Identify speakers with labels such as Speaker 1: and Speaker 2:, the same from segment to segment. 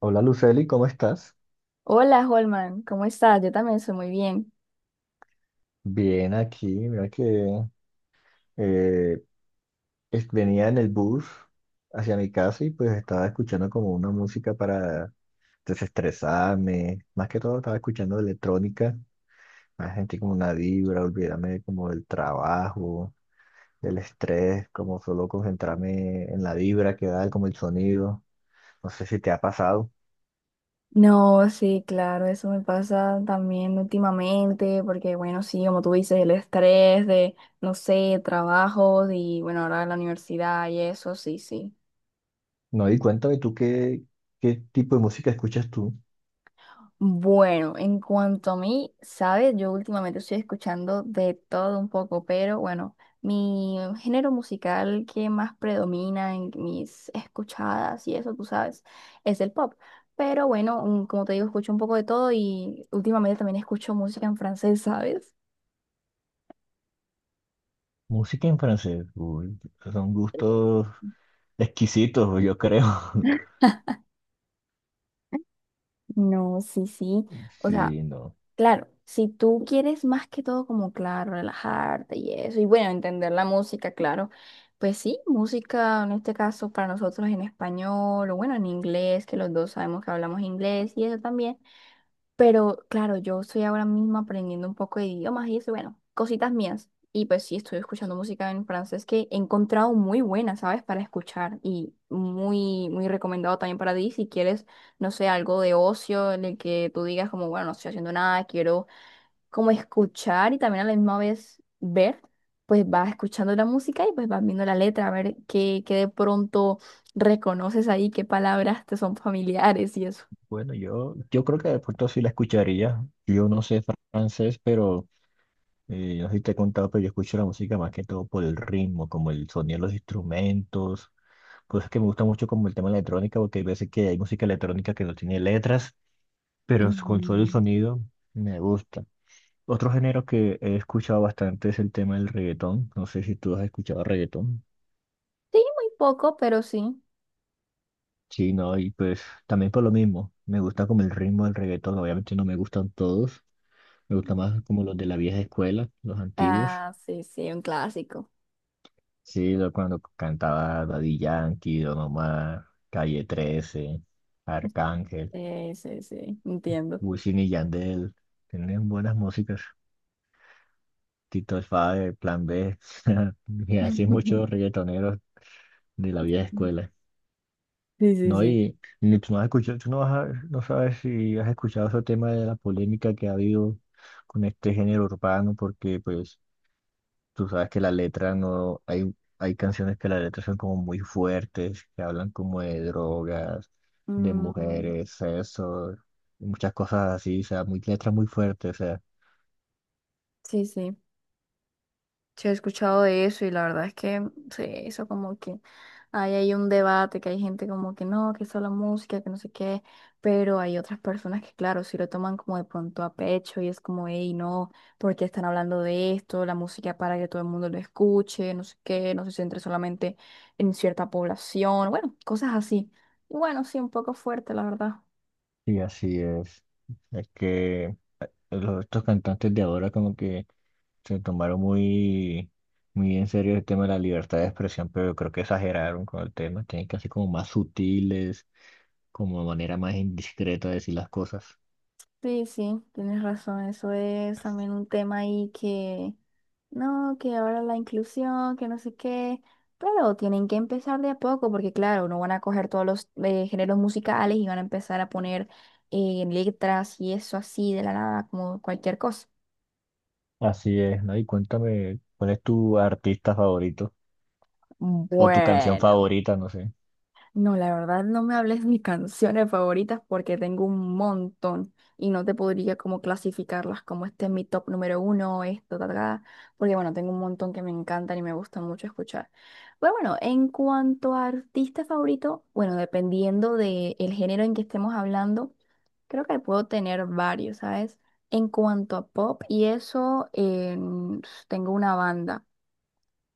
Speaker 1: Hola Luceli, ¿cómo estás?
Speaker 2: Hola, Holman, ¿cómo estás? Yo también estoy muy bien.
Speaker 1: Bien aquí, mira que eh, venía en el bus hacia mi casa y pues estaba escuchando como una música para desestresarme, más que todo estaba escuchando electrónica, me sentí como una vibra, olvidarme como del trabajo, del estrés, como solo concentrarme en la vibra que da, como el sonido, no sé si te ha pasado.
Speaker 2: No, sí, claro, eso me pasa también últimamente, porque bueno, sí, como tú dices, el estrés de, no sé, trabajos y bueno, ahora la universidad y eso, sí, sí.
Speaker 1: No, y cuéntame qué tipo de música escuchas tú.
Speaker 2: Bueno, en cuanto a mí, sabes, yo últimamente estoy escuchando de todo un poco, pero bueno, mi género musical que más predomina en mis escuchadas y eso, tú sabes, es el pop. Pero bueno, como te digo, escucho un poco de todo y últimamente también escucho música en francés, ¿sabes?
Speaker 1: Música en francés, uy, son
Speaker 2: Eh,
Speaker 1: gustos exquisitos, yo creo.
Speaker 2: No, sí, sí. O sea,
Speaker 1: Sí, no.
Speaker 2: claro, si tú quieres más que todo como, claro, relajarte y eso, y bueno, entender la música, claro, pues sí, música en este caso para nosotros en español o bueno, en inglés, que los dos sabemos que hablamos inglés y eso también, pero claro, yo estoy ahora mismo aprendiendo un poco de idiomas y eso, bueno, cositas mías, y pues sí, estoy escuchando música en francés que he encontrado muy buena, ¿sabes? Para escuchar y muy, muy recomendado también para ti si quieres, no sé, algo de ocio en el que tú digas como, bueno, no estoy haciendo nada, quiero como escuchar y también a la misma vez ver, pues vas escuchando la música y pues vas viendo la letra, a ver qué de pronto reconoces ahí, qué palabras te son familiares y eso.
Speaker 1: Bueno, yo creo que de pronto sí la escucharía. Yo no sé francés, pero no sé si te he contado, pero yo escucho la música más que todo por el ritmo, como el sonido de los instrumentos. Pues es que me gusta mucho como el tema de la electrónica, porque hay veces que hay música electrónica que no tiene letras, pero con solo el
Speaker 2: Ujú.
Speaker 1: sonido me gusta. Otro género que he escuchado bastante es el tema del reggaetón. No sé si tú has escuchado reggaetón.
Speaker 2: Sí, muy poco, pero sí.
Speaker 1: Sí, no, y pues también por lo mismo, me gusta como el ritmo del reggaetón, obviamente no me gustan todos, me gusta más como los de la vieja escuela, los antiguos,
Speaker 2: Ah, sí, sí, un clásico.
Speaker 1: sí, cuando cantaba Daddy Yankee, Don Omar, Calle 13, Arcángel,
Speaker 2: Sí, sí, sí, entiendo.
Speaker 1: Wisin y Yandel, tienen buenas músicas, Tito el Father, Plan B, y así muchos reggaetoneros de la vieja escuela.
Speaker 2: Sí, sí,
Speaker 1: No,
Speaker 2: sí.
Speaker 1: y ni tú no has escuchado, tú no, no sabes si has escuchado ese tema de la polémica que ha habido con este género urbano, porque pues tú sabes que la letra no, hay canciones que la letra son como muy fuertes, que hablan como de drogas, de
Speaker 2: Mm.
Speaker 1: mujeres, sexo, y muchas cosas así, o sea, muy letras muy fuertes, o sea,
Speaker 2: Sí, sí. Sí, he escuchado de eso y la verdad es que sí, eso como que hay ahí un debate, que hay gente como que no, que eso la música, que no sé qué, pero hay otras personas que claro, si lo toman como de pronto a pecho y es como, hey, no, porque están hablando de esto? La música para que todo el mundo lo escuche, no sé qué, no se centre solamente en cierta población, bueno, cosas así. Y bueno, sí, un poco fuerte, la verdad.
Speaker 1: y así es. Es que estos cantantes de ahora como que se tomaron muy en serio el tema de la libertad de expresión, pero yo creo que exageraron con el tema. Tienen que ser como más sutiles, como de manera más indiscreta de decir las cosas.
Speaker 2: Sí, sí, tienes razón. Eso es también un tema ahí que, no, que ahora la inclusión, que no sé qué, pero tienen que empezar de a poco porque claro, no van a coger todos los géneros musicales y van a empezar a poner letras y eso así de la nada, como cualquier cosa.
Speaker 1: Así es, ¿no? Y cuéntame, ¿cuál es tu artista favorito? O tu canción
Speaker 2: Bueno.
Speaker 1: favorita, no sé.
Speaker 2: No, la verdad no me hables de mis canciones favoritas porque tengo un montón y no te podría como clasificarlas como este es mi top número uno, esto, ta, ta, ta, porque bueno, tengo un montón que me encantan y me gustan mucho escuchar. Pero bueno, en cuanto a artista favorito, bueno, dependiendo del género en que estemos hablando, creo que puedo tener varios, ¿sabes? En cuanto a pop y eso, tengo una banda,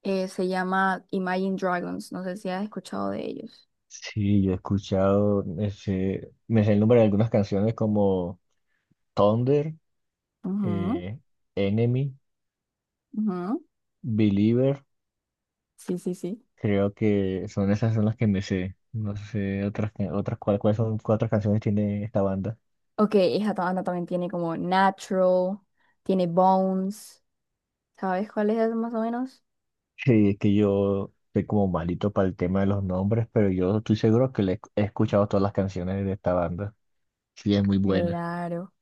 Speaker 2: se llama Imagine Dragons, no sé si has escuchado de ellos.
Speaker 1: Sí, yo he escuchado, me sé el nombre de algunas canciones como Thunder,
Speaker 2: Ujú.
Speaker 1: eh, Enemy,
Speaker 2: Ujú.
Speaker 1: Believer.
Speaker 2: Sí, sí, sí.
Speaker 1: Creo que son esas son las que me sé. No sé otras que- otras cuál- cuáles son cuatro canciones tiene esta banda.
Speaker 2: Ok, esa banda también tiene como Natural, tiene Bones, ¿sabes cuál es más o menos?
Speaker 1: Sí, es que yo soy como malito para el tema de los nombres, pero yo estoy seguro que le he escuchado todas las canciones de esta banda. Sí, es muy buena.
Speaker 2: Claro.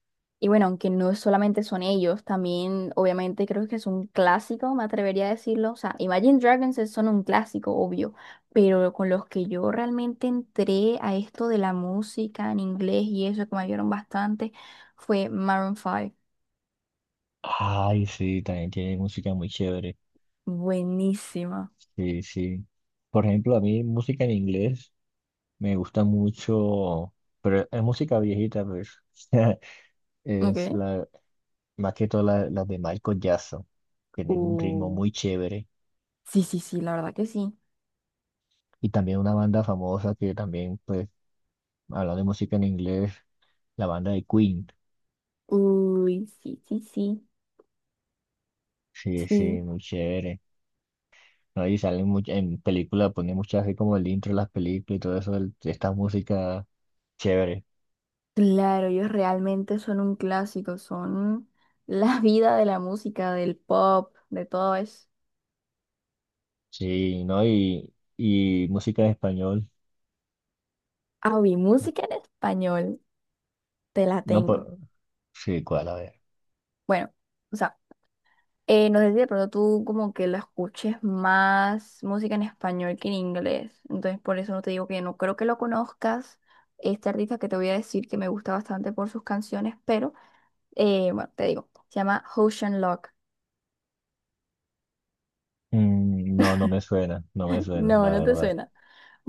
Speaker 2: Y bueno, aunque no solamente son ellos, también obviamente creo que es un clásico, me atrevería a decirlo. O sea, Imagine Dragons son un clásico, obvio, pero con los que yo realmente entré a esto de la música en inglés y eso que me ayudaron bastante fue Maroon 5.
Speaker 1: Ay, sí, también tiene música muy chévere.
Speaker 2: Buenísima.
Speaker 1: Sí, sí. Por ejemplo, a mí música en inglés me gusta mucho, pero es música viejita, pues. Es
Speaker 2: Ok.
Speaker 1: la, más que todo las de Michael Jackson. Tienen un ritmo
Speaker 2: Uh,
Speaker 1: muy chévere.
Speaker 2: Sí, sí, sí, la verdad que sí.
Speaker 1: Y también una banda famosa que también, pues, hablando de música en inglés, la banda de Queen.
Speaker 2: Uy, sí, sí, sí.
Speaker 1: Sí, sí,
Speaker 2: Sí.
Speaker 1: muy chévere. ¿No? Y salen en películas, ponen muchas así como el intro de las películas y todo eso, esta música chévere.
Speaker 2: Claro, ellos realmente son un clásico, son la vida de la música, del pop, de todo eso.
Speaker 1: Sí, ¿no? Y música en español.
Speaker 2: Ah, uy, música en español, te la
Speaker 1: No,
Speaker 2: tengo.
Speaker 1: por... Sí, ¿cuál? A ver.
Speaker 2: Bueno, o sea, no sé si de pronto tú como que la escuches más música en español que en inglés, entonces por eso no te digo que no creo que lo conozcas, este artista que te voy a decir que me gusta bastante por sus canciones, pero bueno, te digo, se llama Ocean.
Speaker 1: Mm, no me suena, no me suena,
Speaker 2: No,
Speaker 1: la
Speaker 2: no te
Speaker 1: verdad.
Speaker 2: suena.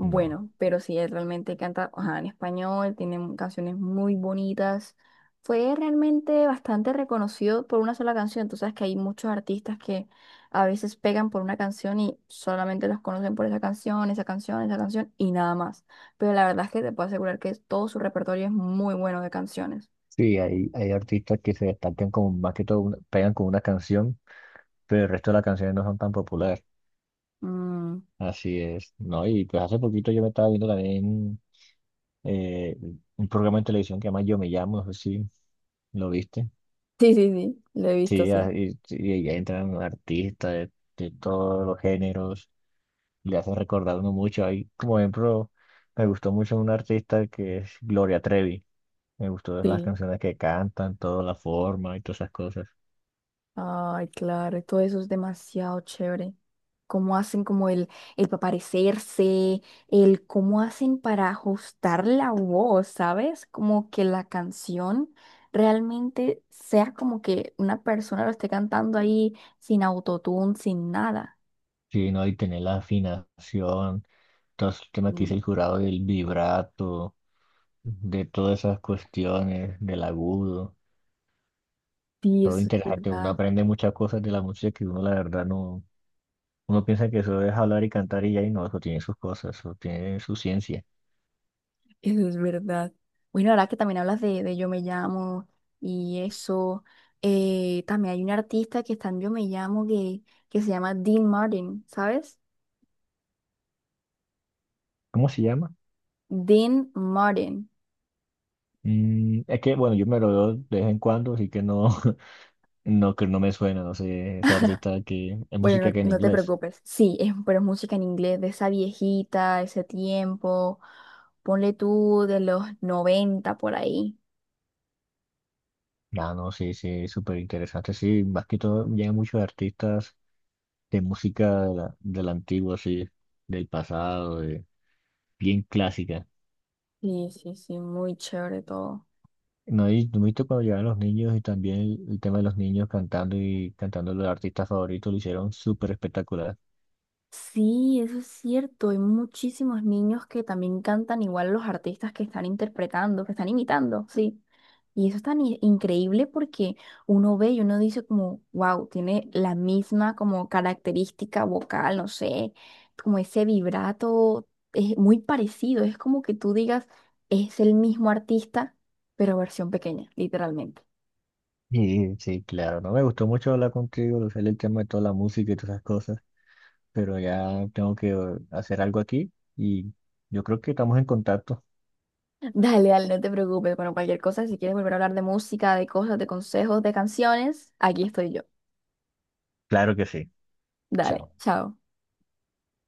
Speaker 1: No.
Speaker 2: pero sí, él realmente canta, ajá, en español, tiene canciones muy bonitas. Fue realmente bastante reconocido por una sola canción. Tú sabes que hay muchos artistas que a veces pegan por una canción y solamente los conocen por esa canción, esa canción, esa canción y nada más. Pero la verdad es que te puedo asegurar que todo su repertorio es muy bueno de canciones.
Speaker 1: Sí, hay artistas que se destacan como más que todo, pegan con una canción, pero el resto de las canciones no son tan populares.
Speaker 2: Mm.
Speaker 1: Así es, ¿no? Y pues hace poquito yo me estaba viendo también eh, un programa de televisión que llama Yo Me Llamo, no sé si lo viste.
Speaker 2: Sí, sí, sí, lo he visto,
Speaker 1: Sí,
Speaker 2: sí.
Speaker 1: y ahí entran artistas de todos los géneros, le hacen recordar a uno mucho. Ahí, como ejemplo, me gustó mucho un artista que es Gloria Trevi. Me gustó las
Speaker 2: Sí.
Speaker 1: canciones que cantan, toda la forma y todas esas cosas.
Speaker 2: Ay, claro, y todo eso es demasiado chévere. Cómo hacen como el, pa' parecerse, el cómo hacen para ajustar la voz, ¿sabes? Como que la canción realmente sea como que una persona lo esté cantando ahí sin autotune, sin nada.
Speaker 1: Sí, ¿no? Y tener la afinación, todos los temas que dice
Speaker 2: Mm.
Speaker 1: el jurado del vibrato, de todas esas cuestiones, del agudo.
Speaker 2: Sí,
Speaker 1: Todo
Speaker 2: eso es
Speaker 1: interesante, uno
Speaker 2: verdad.
Speaker 1: aprende muchas cosas de la música que uno la verdad no, uno piensa que eso es hablar y cantar y ya, y no, eso tiene sus cosas, eso tiene su ciencia.
Speaker 2: Eso es verdad. Bueno, ahora que también hablas de Yo Me Llamo y eso, también hay un artista que está en Yo Me Llamo que se llama Dean Martin, ¿sabes?
Speaker 1: ¿Cómo se llama?
Speaker 2: Dean Martin.
Speaker 1: Mm, es que, bueno, yo me lo veo de vez en cuando, así que no, no, que no me suena, no sé, ese artista que es
Speaker 2: Bueno, no,
Speaker 1: música que en
Speaker 2: no te
Speaker 1: inglés.
Speaker 2: preocupes. Sí, es, pero es música en inglés de esa viejita, ese tiempo. Ponle tú de los 90 por ahí.
Speaker 1: Ah, no, sí, sí, súper interesante, sí, más que todo llegan muchos artistas de música de la antigua, sí, del pasado, bien clásica.
Speaker 2: Sí, sí, sí, muy chévere todo.
Speaker 1: No, y tú viste cuando llegaron los niños y también el tema de los niños cantando y cantando los artistas favoritos lo hicieron súper espectacular.
Speaker 2: Sí, eso es cierto. Hay muchísimos niños que también cantan igual a los artistas que están interpretando, que están imitando, sí. Y eso es tan increíble porque uno ve y uno dice como, wow, tiene la misma como característica vocal, no sé, como ese vibrato, es muy parecido. Es como que tú digas, es el mismo artista, pero versión pequeña, literalmente.
Speaker 1: Y sí, claro, no me gustó mucho hablar contigo, lo sé el tema de toda la música y todas esas cosas, pero ya tengo que hacer algo aquí y yo creo que estamos en contacto.
Speaker 2: Dale, dale, no te preocupes. Bueno, cualquier cosa, si quieres volver a hablar de música, de cosas, de consejos, de canciones, aquí estoy yo.
Speaker 1: Claro que sí.
Speaker 2: Dale,
Speaker 1: Chao.
Speaker 2: chao.